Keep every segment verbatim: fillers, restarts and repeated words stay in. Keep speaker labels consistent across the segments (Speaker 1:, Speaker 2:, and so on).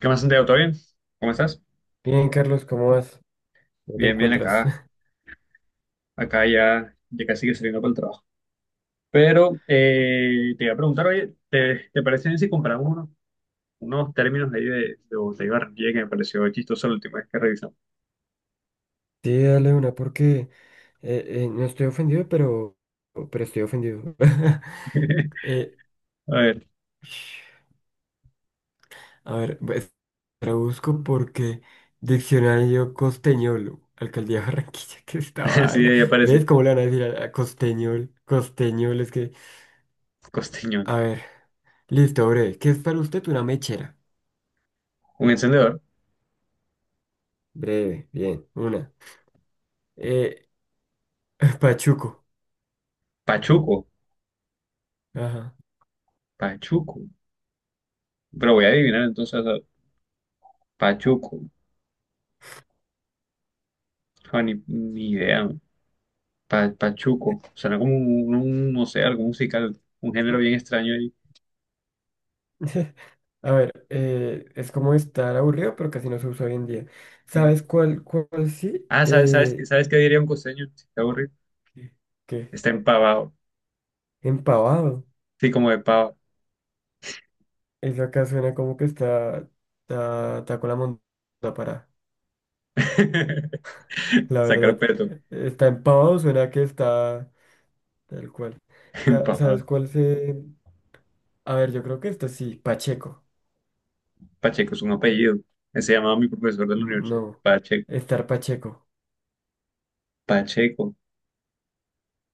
Speaker 1: ¿Qué más, Santiago? ¿Todo bien? ¿Cómo estás?
Speaker 2: Bien, Carlos, ¿cómo vas? ¿Cómo te
Speaker 1: Bien, bien,
Speaker 2: encuentras?
Speaker 1: acá, acá ya, ya casi que saliendo para el trabajo. Pero eh, te iba a preguntar, oye, ¿te, te parece bien si compramos unos, unos términos ahí de, de botella de Barranquilla que me pareció chistoso la última vez que revisamos?
Speaker 2: Sí, dale una porque eh, eh, no estoy ofendido, pero, pero estoy ofendido. Eh,
Speaker 1: A ver,
Speaker 2: a ver, pues, la busco porque diccionario costeñol, alcaldía de Barranquilla, que esta
Speaker 1: así
Speaker 2: vaina.
Speaker 1: ahí aparece.
Speaker 2: ¿Ves cómo le van a decir a, a costeñol? Costeñol es que...
Speaker 1: Costeñón.
Speaker 2: A ver, listo, breve. ¿Qué es para usted una mechera?
Speaker 1: Un encendedor.
Speaker 2: Breve, bien, una. Eh, pachuco.
Speaker 1: Pachuco.
Speaker 2: Ajá.
Speaker 1: Pachuco. Pero voy a adivinar entonces. a- Pachuco. Ah, ni, ni idea, man. Pa- pachuco. Suena como un, un- no sé, algo musical. Un género bien extraño
Speaker 2: A ver, eh, es como estar aburrido, pero casi no se usa hoy en día.
Speaker 1: ahí.
Speaker 2: ¿Sabes cuál, cuál sí?
Speaker 1: Ah, ¿sabes, sabes, qué-
Speaker 2: Eh,
Speaker 1: ¿sabes qué diría un costeño si está aburrido?
Speaker 2: ¿qué?
Speaker 1: Está empavado.
Speaker 2: Empavado.
Speaker 1: Sí, como de pavo.
Speaker 2: Eso acá suena como que está, está, está con la monta para, la
Speaker 1: Sacar
Speaker 2: verdad.
Speaker 1: peto.
Speaker 2: Está empavado, suena que está tal cual. Sa- ¿Sabes
Speaker 1: Empavado.
Speaker 2: cuál se...? A ver, yo creo que esto sí, Pacheco.
Speaker 1: Pacheco es un apellido. Se llamaba mi profesor de la
Speaker 2: Mm,
Speaker 1: universidad.
Speaker 2: no.
Speaker 1: Pacheco.
Speaker 2: Estar Pacheco.
Speaker 1: Pacheco.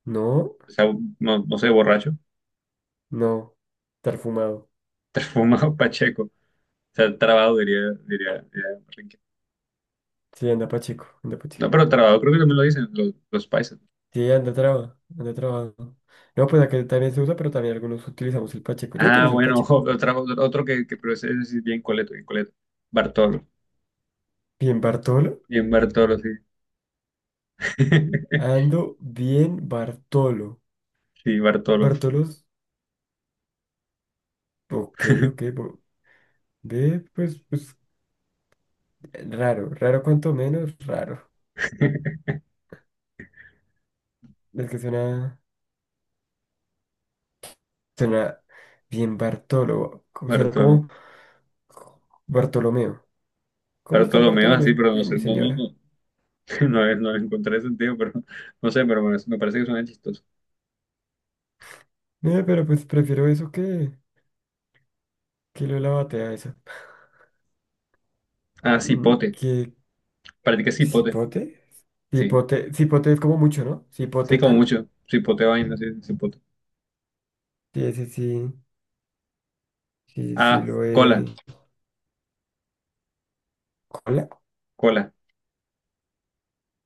Speaker 2: No,
Speaker 1: O sea, no, no sé, borracho.
Speaker 2: no. Estar fumado.
Speaker 1: Fumado Pacheco. O sea, trabado, diría, diría, diría Enrique.
Speaker 2: Sí, anda Pacheco, anda
Speaker 1: No,
Speaker 2: Pacheco.
Speaker 1: pero trabado creo que también lo dicen los, los paisas.
Speaker 2: Sí, anda traba, anda trabado. No, pues acá también se usa, pero también algunos utilizamos el pacheco. Yo
Speaker 1: Ah,
Speaker 2: utilizo el
Speaker 1: bueno,
Speaker 2: pacheco.
Speaker 1: otro, otro que, que pero ese es bien coleto, bien coleto. Bartolo.
Speaker 2: Bien, Bartolo.
Speaker 1: Bien Bartolo, sí.
Speaker 2: Ando bien, Bartolo.
Speaker 1: Sí, Bartolo.
Speaker 2: Bartolos, ok, ok. bo- Ve, pues, pues, raro, raro cuanto menos, raro. Es que suena, suena bien, Bartolo. Co- Suena
Speaker 1: Bartol-
Speaker 2: como Bartolomeo. ¿Cómo está el
Speaker 1: Bartolomeo así,
Speaker 2: Bartolomeo?
Speaker 1: pero no
Speaker 2: Bien, mi
Speaker 1: sé, no, no,
Speaker 2: señora.
Speaker 1: no, no, le- no le encontré sentido, pero no sé, pero me, me parece que suena chistoso.
Speaker 2: Mira, pero pues prefiero eso que, que lo de la batea esa.
Speaker 1: Ah, cipote, practica cipote,
Speaker 2: ¿Cipote?
Speaker 1: sí,
Speaker 2: Cipote, cipote es como mucho, ¿no?
Speaker 1: sí,
Speaker 2: Cipote
Speaker 1: como
Speaker 2: tal.
Speaker 1: mucho, cipote vaina, sí, cipote.
Speaker 2: Sí, ese sí. Sí, sí,
Speaker 1: Ah,
Speaker 2: lo he.
Speaker 1: cola,
Speaker 2: ¿Cola?
Speaker 1: cola.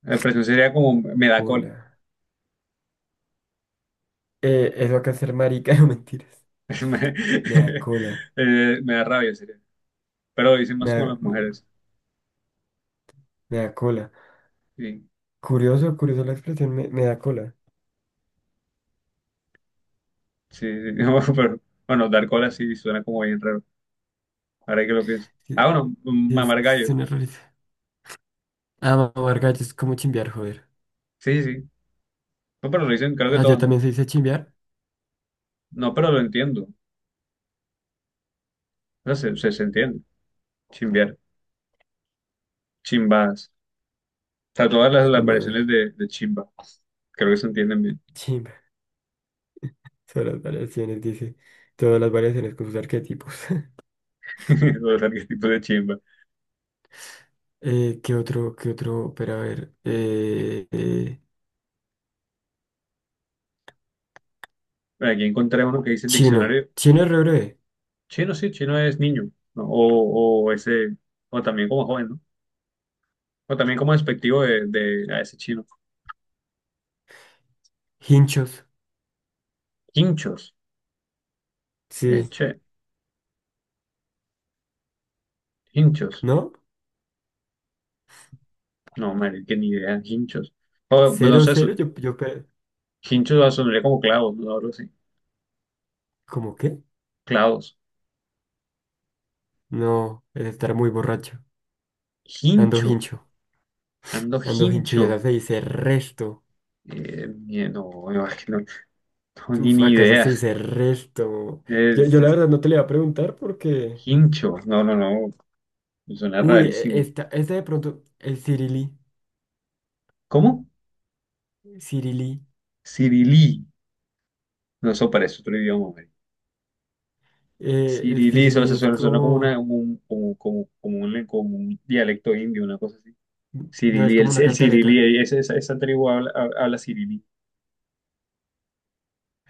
Speaker 1: La expresión sería como me da cola,
Speaker 2: Cola. Eh, eso que hacer marica, no mentiras. Me da
Speaker 1: me,
Speaker 2: cola.
Speaker 1: eh, me da rabia, sería. Pero lo dicen
Speaker 2: Me
Speaker 1: más como
Speaker 2: da,
Speaker 1: las
Speaker 2: me,
Speaker 1: mujeres,
Speaker 2: me da cola.
Speaker 1: sí,
Speaker 2: Curioso, curioso la expresión, me, me da cola.
Speaker 1: sí, sí. No, pero bueno, dar cola sí suena como bien raro, ahora que lo pienso.
Speaker 2: Sí,
Speaker 1: Ah, bueno,
Speaker 2: sí, es
Speaker 1: mamar
Speaker 2: que
Speaker 1: gallo,
Speaker 2: suena rarísimo. Ah, mamar gallo es como chimbear, joder.
Speaker 1: sí, sí, no, pero lo dicen creo que
Speaker 2: Allá
Speaker 1: todos,
Speaker 2: también
Speaker 1: ¿no?
Speaker 2: se dice chimbear.
Speaker 1: No, pero lo entiendo. O sea, se, se- se entiende. Chimbear, chimbas. O sea, todas las, las variaciones
Speaker 2: Chimbados.
Speaker 1: de, de chimba. Creo que se entienden bien.
Speaker 2: Chimba. Son las variaciones, dice. Todas las variaciones con sus arquetipos.
Speaker 1: Los arquetipos de chimba.
Speaker 2: Eh, ¿qué otro, ¿qué otro? Pero a ver. eh, eh,
Speaker 1: Bueno, aquí encontré uno que dice el
Speaker 2: chino.
Speaker 1: diccionario.
Speaker 2: Chino es re breve.
Speaker 1: Chino, sí, chino es niño, ¿no? O, o ese, o también como joven, ¿no? O también como despectivo de, de- a ese chino.
Speaker 2: Hinchos.
Speaker 1: Hinchos. Eh,
Speaker 2: Sí.
Speaker 1: che, hinchos.
Speaker 2: ¿No?
Speaker 1: No, madre, que ni idea, hinchos. O, pues, no
Speaker 2: Cero,
Speaker 1: sé,
Speaker 2: cero.
Speaker 1: su-
Speaker 2: Yo, yo, pe-
Speaker 1: hinchos sonaría como clavos, ¿no? Algo así.
Speaker 2: ¿cómo qué?
Speaker 1: Clavos.
Speaker 2: No, es estar muy borracho. Ando
Speaker 1: Hincho.
Speaker 2: hincho.
Speaker 1: Ando
Speaker 2: Ando hincho. Y
Speaker 1: hincho.
Speaker 2: acá se dice resto.
Speaker 1: Eh, ni- no, no, es que no, no, ni,
Speaker 2: Uf,
Speaker 1: ni
Speaker 2: acá esa se
Speaker 1: idea.
Speaker 2: dice resto. Yo,
Speaker 1: Es,
Speaker 2: yo la
Speaker 1: es-
Speaker 2: verdad no te le iba a preguntar porque.
Speaker 1: hincho. No, no, no. Suena
Speaker 2: Uy, e-
Speaker 1: rarísimo.
Speaker 2: esta, esta de pronto. El cirilí.
Speaker 1: ¿Cómo?
Speaker 2: Cirilí.
Speaker 1: Cirilí. No, eso parece otro idioma, hombre.
Speaker 2: eh, el
Speaker 1: Cirilí, eso,
Speaker 2: cirilí
Speaker 1: eso
Speaker 2: es
Speaker 1: suena, suena como una,
Speaker 2: como.
Speaker 1: como un, como, como- como un, como un dialecto indio, una cosa así.
Speaker 2: No, es
Speaker 1: Cirilí, el,
Speaker 2: como una
Speaker 1: el
Speaker 2: cantaleta.
Speaker 1: cirilí, esa, esa, esa tribu habla, hab- habla cirilí.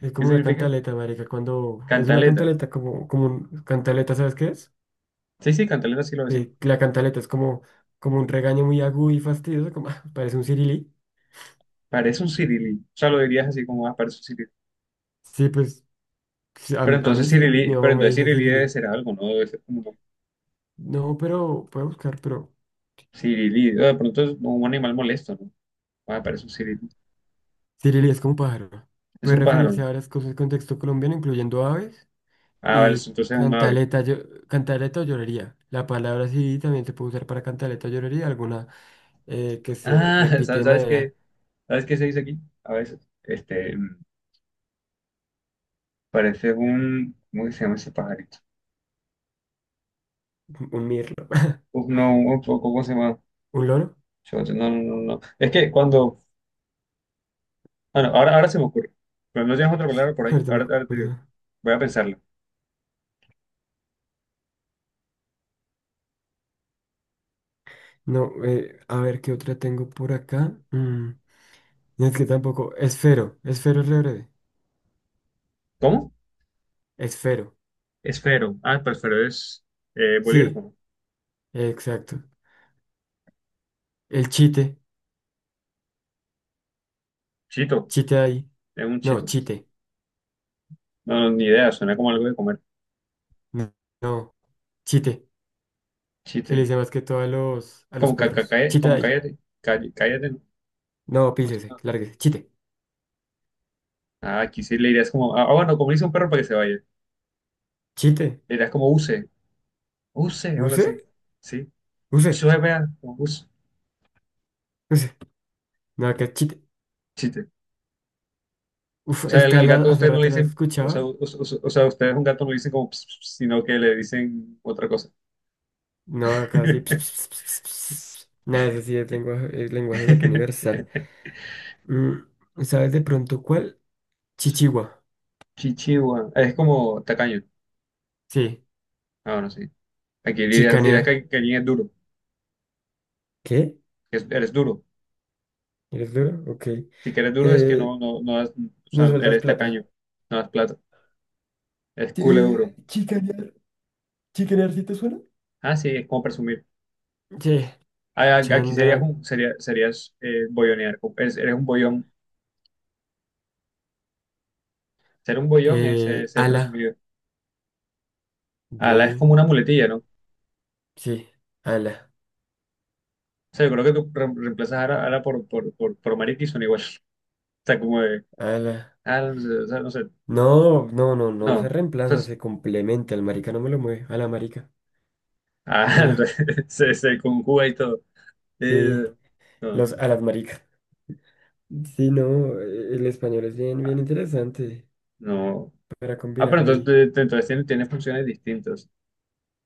Speaker 2: Es
Speaker 1: ¿Qué
Speaker 2: como una
Speaker 1: significa?
Speaker 2: cantaleta, marica, cuando es una
Speaker 1: Cantaleta.
Speaker 2: cantaleta, como, como un cantaleta, ¿sabes qué es?
Speaker 1: Sí, sí, cantaleta sí lo decimos.
Speaker 2: Sí, la cantaleta es como, como un regaño muy agudo y fastidioso, como parece un cirilí.
Speaker 1: Parece un cirilí. O sea, lo dirías así como, ah, parece un cirilí.
Speaker 2: Sí, pues sí, a,
Speaker 1: Pero
Speaker 2: a
Speaker 1: entonces
Speaker 2: mí sí, mi
Speaker 1: Cirilí,
Speaker 2: mamá
Speaker 1: pero
Speaker 2: me
Speaker 1: entonces
Speaker 2: dice
Speaker 1: Cirilí debe
Speaker 2: cirilí.
Speaker 1: ser algo, ¿no? Debe ser como, ¿no?
Speaker 2: No, pero puedo buscar, pero
Speaker 1: Cirilí. Ah, de pronto es un animal molesto, ¿no? Ah, parece un cirilí.
Speaker 2: cirilí es como pájaro.
Speaker 1: Es
Speaker 2: Puede
Speaker 1: un pájaro,
Speaker 2: referirse
Speaker 1: ¿no?
Speaker 2: a varias cosas del contexto colombiano, incluyendo aves
Speaker 1: Ah, vale,
Speaker 2: y
Speaker 1: entonces es un ave.
Speaker 2: cantaleta, yo- cantaleta o llorería. La palabra cirilí también se puede usar para cantaleta o llorería, alguna eh, que se
Speaker 1: Ah,
Speaker 2: repite
Speaker 1: ¿sabes,
Speaker 2: de
Speaker 1: ¿sabes
Speaker 2: manera,
Speaker 1: qué? ¿Sabes qué se dice aquí? A veces, este, mm, parece un, ¿cómo que se llama ese pajarito?
Speaker 2: un mirlo,
Speaker 1: Uf, no, un, ¿cómo se llama?
Speaker 2: un loro.
Speaker 1: Chote. No, no, no, no. Es que cuando, ah, no, ahora, ahora se me ocurre. Pero no tienes otra palabra por ahí.
Speaker 2: Ahorita me
Speaker 1: Ahora, ahora te digo.
Speaker 2: acuerdo.
Speaker 1: Voy a pensarlo.
Speaker 2: No, eh, a ver qué otra tengo por acá. Mm, no, es que tampoco. Esfero. Esfero es re breve.
Speaker 1: ¿Cómo?
Speaker 2: Esfero.
Speaker 1: Esfero. Ah, pero esfero es eh, bolígrafo,
Speaker 2: Sí,
Speaker 1: ¿no?
Speaker 2: exacto. El chite.
Speaker 1: Chito.
Speaker 2: Chite ahí.
Speaker 1: Es un
Speaker 2: No,
Speaker 1: chito.
Speaker 2: chite.
Speaker 1: No, no, ni idea. Suena como algo de comer.
Speaker 2: No, no, chite. Se le
Speaker 1: Chite.
Speaker 2: dice más que todo a los, a los
Speaker 1: Como, ca- ca-
Speaker 2: perros.
Speaker 1: cae-
Speaker 2: Chite
Speaker 1: como
Speaker 2: ahí.
Speaker 1: cállate, calle- cállate, ¿no?
Speaker 2: No, pícese,
Speaker 1: Ah,
Speaker 2: lárguese. Chite.
Speaker 1: ah, aquí sí le dirías como, ah, ah, bueno, como le dice un perro para que se vaya.
Speaker 2: Chite.
Speaker 1: Le dirías como use, use, o algo así.
Speaker 2: ¿Use?
Speaker 1: Sí.
Speaker 2: ¿Use?
Speaker 1: Use, vea, como use.
Speaker 2: ¿Use? No, acá es chite.
Speaker 1: Chiste.
Speaker 2: Uf,
Speaker 1: O sea, al,
Speaker 2: esta
Speaker 1: al
Speaker 2: la,
Speaker 1: gato
Speaker 2: hace
Speaker 1: ustedes no le
Speaker 2: rato no la
Speaker 1: dicen, o sea, u-
Speaker 2: escuchaba.
Speaker 1: u- o sea, ustedes a un gato no le dicen como, "Ps, ps", sino que le dicen otra cosa.
Speaker 2: No, acá sí. Nada, eso sí es lenguaje, es lenguaje gato universal. Mm, ¿sabes de pronto cuál? Chichigua.
Speaker 1: Chichihua. Es como tacaño.
Speaker 2: Sí,
Speaker 1: Ah, bueno, sí. Aquí dirías, dirías
Speaker 2: chicanear.
Speaker 1: que, que alguien es duro,
Speaker 2: ¿Qué?
Speaker 1: que es- eres duro.
Speaker 2: ¿Eres duro? Ok.
Speaker 1: Si que eres duro es que
Speaker 2: Eh,
Speaker 1: no, no, no das, o
Speaker 2: no
Speaker 1: sea,
Speaker 2: sueltas
Speaker 1: eres
Speaker 2: plata.
Speaker 1: tacaño, no das plata. Es culo duro.
Speaker 2: Eh, chicanear. ¿Chicanear sí te suena?
Speaker 1: Ah, sí, es como presumir.
Speaker 2: Sí,
Speaker 1: Ah, a- aquí serías
Speaker 2: chanda,
Speaker 1: un, sería, serías eh, boyonear. como- es- Eres un boyón. Ser un boyón es eh,
Speaker 2: eh,
Speaker 1: ser
Speaker 2: ala,
Speaker 1: presumido. Ala es
Speaker 2: B,
Speaker 1: como una muletilla, ¿no? O
Speaker 2: sí. Ala.
Speaker 1: sea, yo creo que tú re- reemplazas a la, por, por, por, por marica y son igual. O sea, como de,
Speaker 2: Ala.
Speaker 1: ala, no sé, o sea, no sé.
Speaker 2: No, no, no, no se
Speaker 1: No.
Speaker 2: reemplaza,
Speaker 1: Entonces,
Speaker 2: se complementa. El marica no me lo mueve. Ala, marica.
Speaker 1: ah,
Speaker 2: Ala.
Speaker 1: entonces, se, se conjuga y todo. Eh,
Speaker 2: Sí.
Speaker 1: no.
Speaker 2: Los alas maricas. Sí, no, eh, el español es bien, bien
Speaker 1: Ah,
Speaker 2: interesante
Speaker 1: no.
Speaker 2: para
Speaker 1: Ah, pero
Speaker 2: combinarlo
Speaker 1: entonces,
Speaker 2: ahí.
Speaker 1: te- te- entonces tienes, tienes funciones distintas.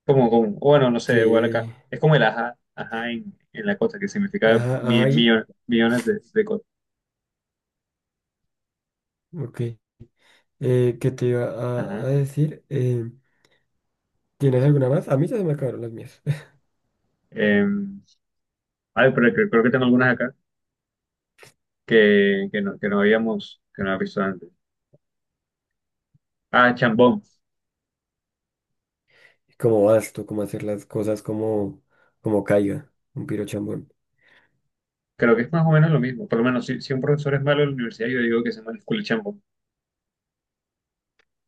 Speaker 1: Como, como, bueno, no sé, igual acá.
Speaker 2: Sí,
Speaker 1: Es como el ajá, ajá en, en la costa, que significa
Speaker 2: ajá, ajá,
Speaker 1: mil,
Speaker 2: y-
Speaker 1: millones de, de cosas.
Speaker 2: ok. Eh, ¿qué te iba a, a
Speaker 1: Ajá.
Speaker 2: decir? Eh, ¿tienes alguna más? A mí ya se me acabaron las mías.
Speaker 1: Eh, ay, pero creo, creo que tengo algunas acá que, que no, que no habíamos, que no había visto antes. Ah, chambón.
Speaker 2: ¿Cómo vas tú? ¿Cómo hacer las cosas como, como caiga? Un piro chambón.
Speaker 1: Creo que es más o menos lo mismo. Por lo menos, si, si un profesor es malo en la universidad, yo digo que se llama escuela chambón.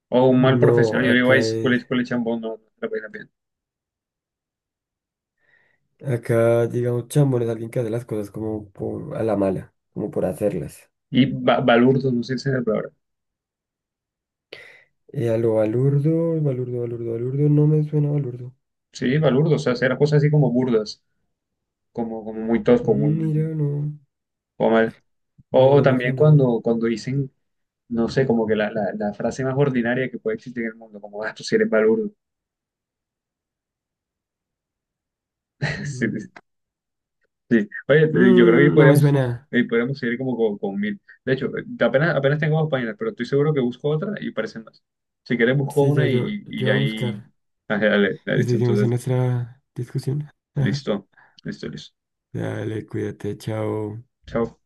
Speaker 1: O un mal
Speaker 2: No,
Speaker 1: profesional, yo digo, ay,
Speaker 2: acá
Speaker 1: escuela,
Speaker 2: es,
Speaker 1: escuela chambón, no, no la pena bien.
Speaker 2: acá digamos chambón es alguien que hace las cosas como por, a la mala, como por hacerlas.
Speaker 1: Y ba- balurdo, no sé si es la palabra.
Speaker 2: Eh, a lo balurdo, balurdo, balurdo, balurdo, no me suena balurdo.
Speaker 1: Sí, balurdo, o sea, hacer cosas así como burdas, como, como muy tosco, muy,
Speaker 2: Mm, mira, no,
Speaker 1: como mal.
Speaker 2: no,
Speaker 1: O, o
Speaker 2: no me
Speaker 1: también
Speaker 2: suena.
Speaker 1: cuando, cuando dicen, no sé, como que la, la, la frase más ordinaria que puede existir en el mundo, como, ah, tú sí eres balurdo.
Speaker 2: Mm,
Speaker 1: Sí, sí. Oye, te- yo creo que
Speaker 2: mm, no me
Speaker 1: podríamos,
Speaker 2: suena.
Speaker 1: ahí podríamos seguir como con, con mil. De hecho, eh, apenas, apenas tengo dos páginas, pero estoy seguro que busco otra y parecen más. Si quieres, busco
Speaker 2: Sí, yo,
Speaker 1: una
Speaker 2: yo,
Speaker 1: y, y
Speaker 2: yo voy a
Speaker 1: ahí...
Speaker 2: buscar.
Speaker 1: Ah, dale, dale,
Speaker 2: Y
Speaker 1: listo,
Speaker 2: seguimos en
Speaker 1: entonces,
Speaker 2: nuestra discusión.
Speaker 1: listo, listo, listo.
Speaker 2: Dale, cuídate, chao.
Speaker 1: Chao.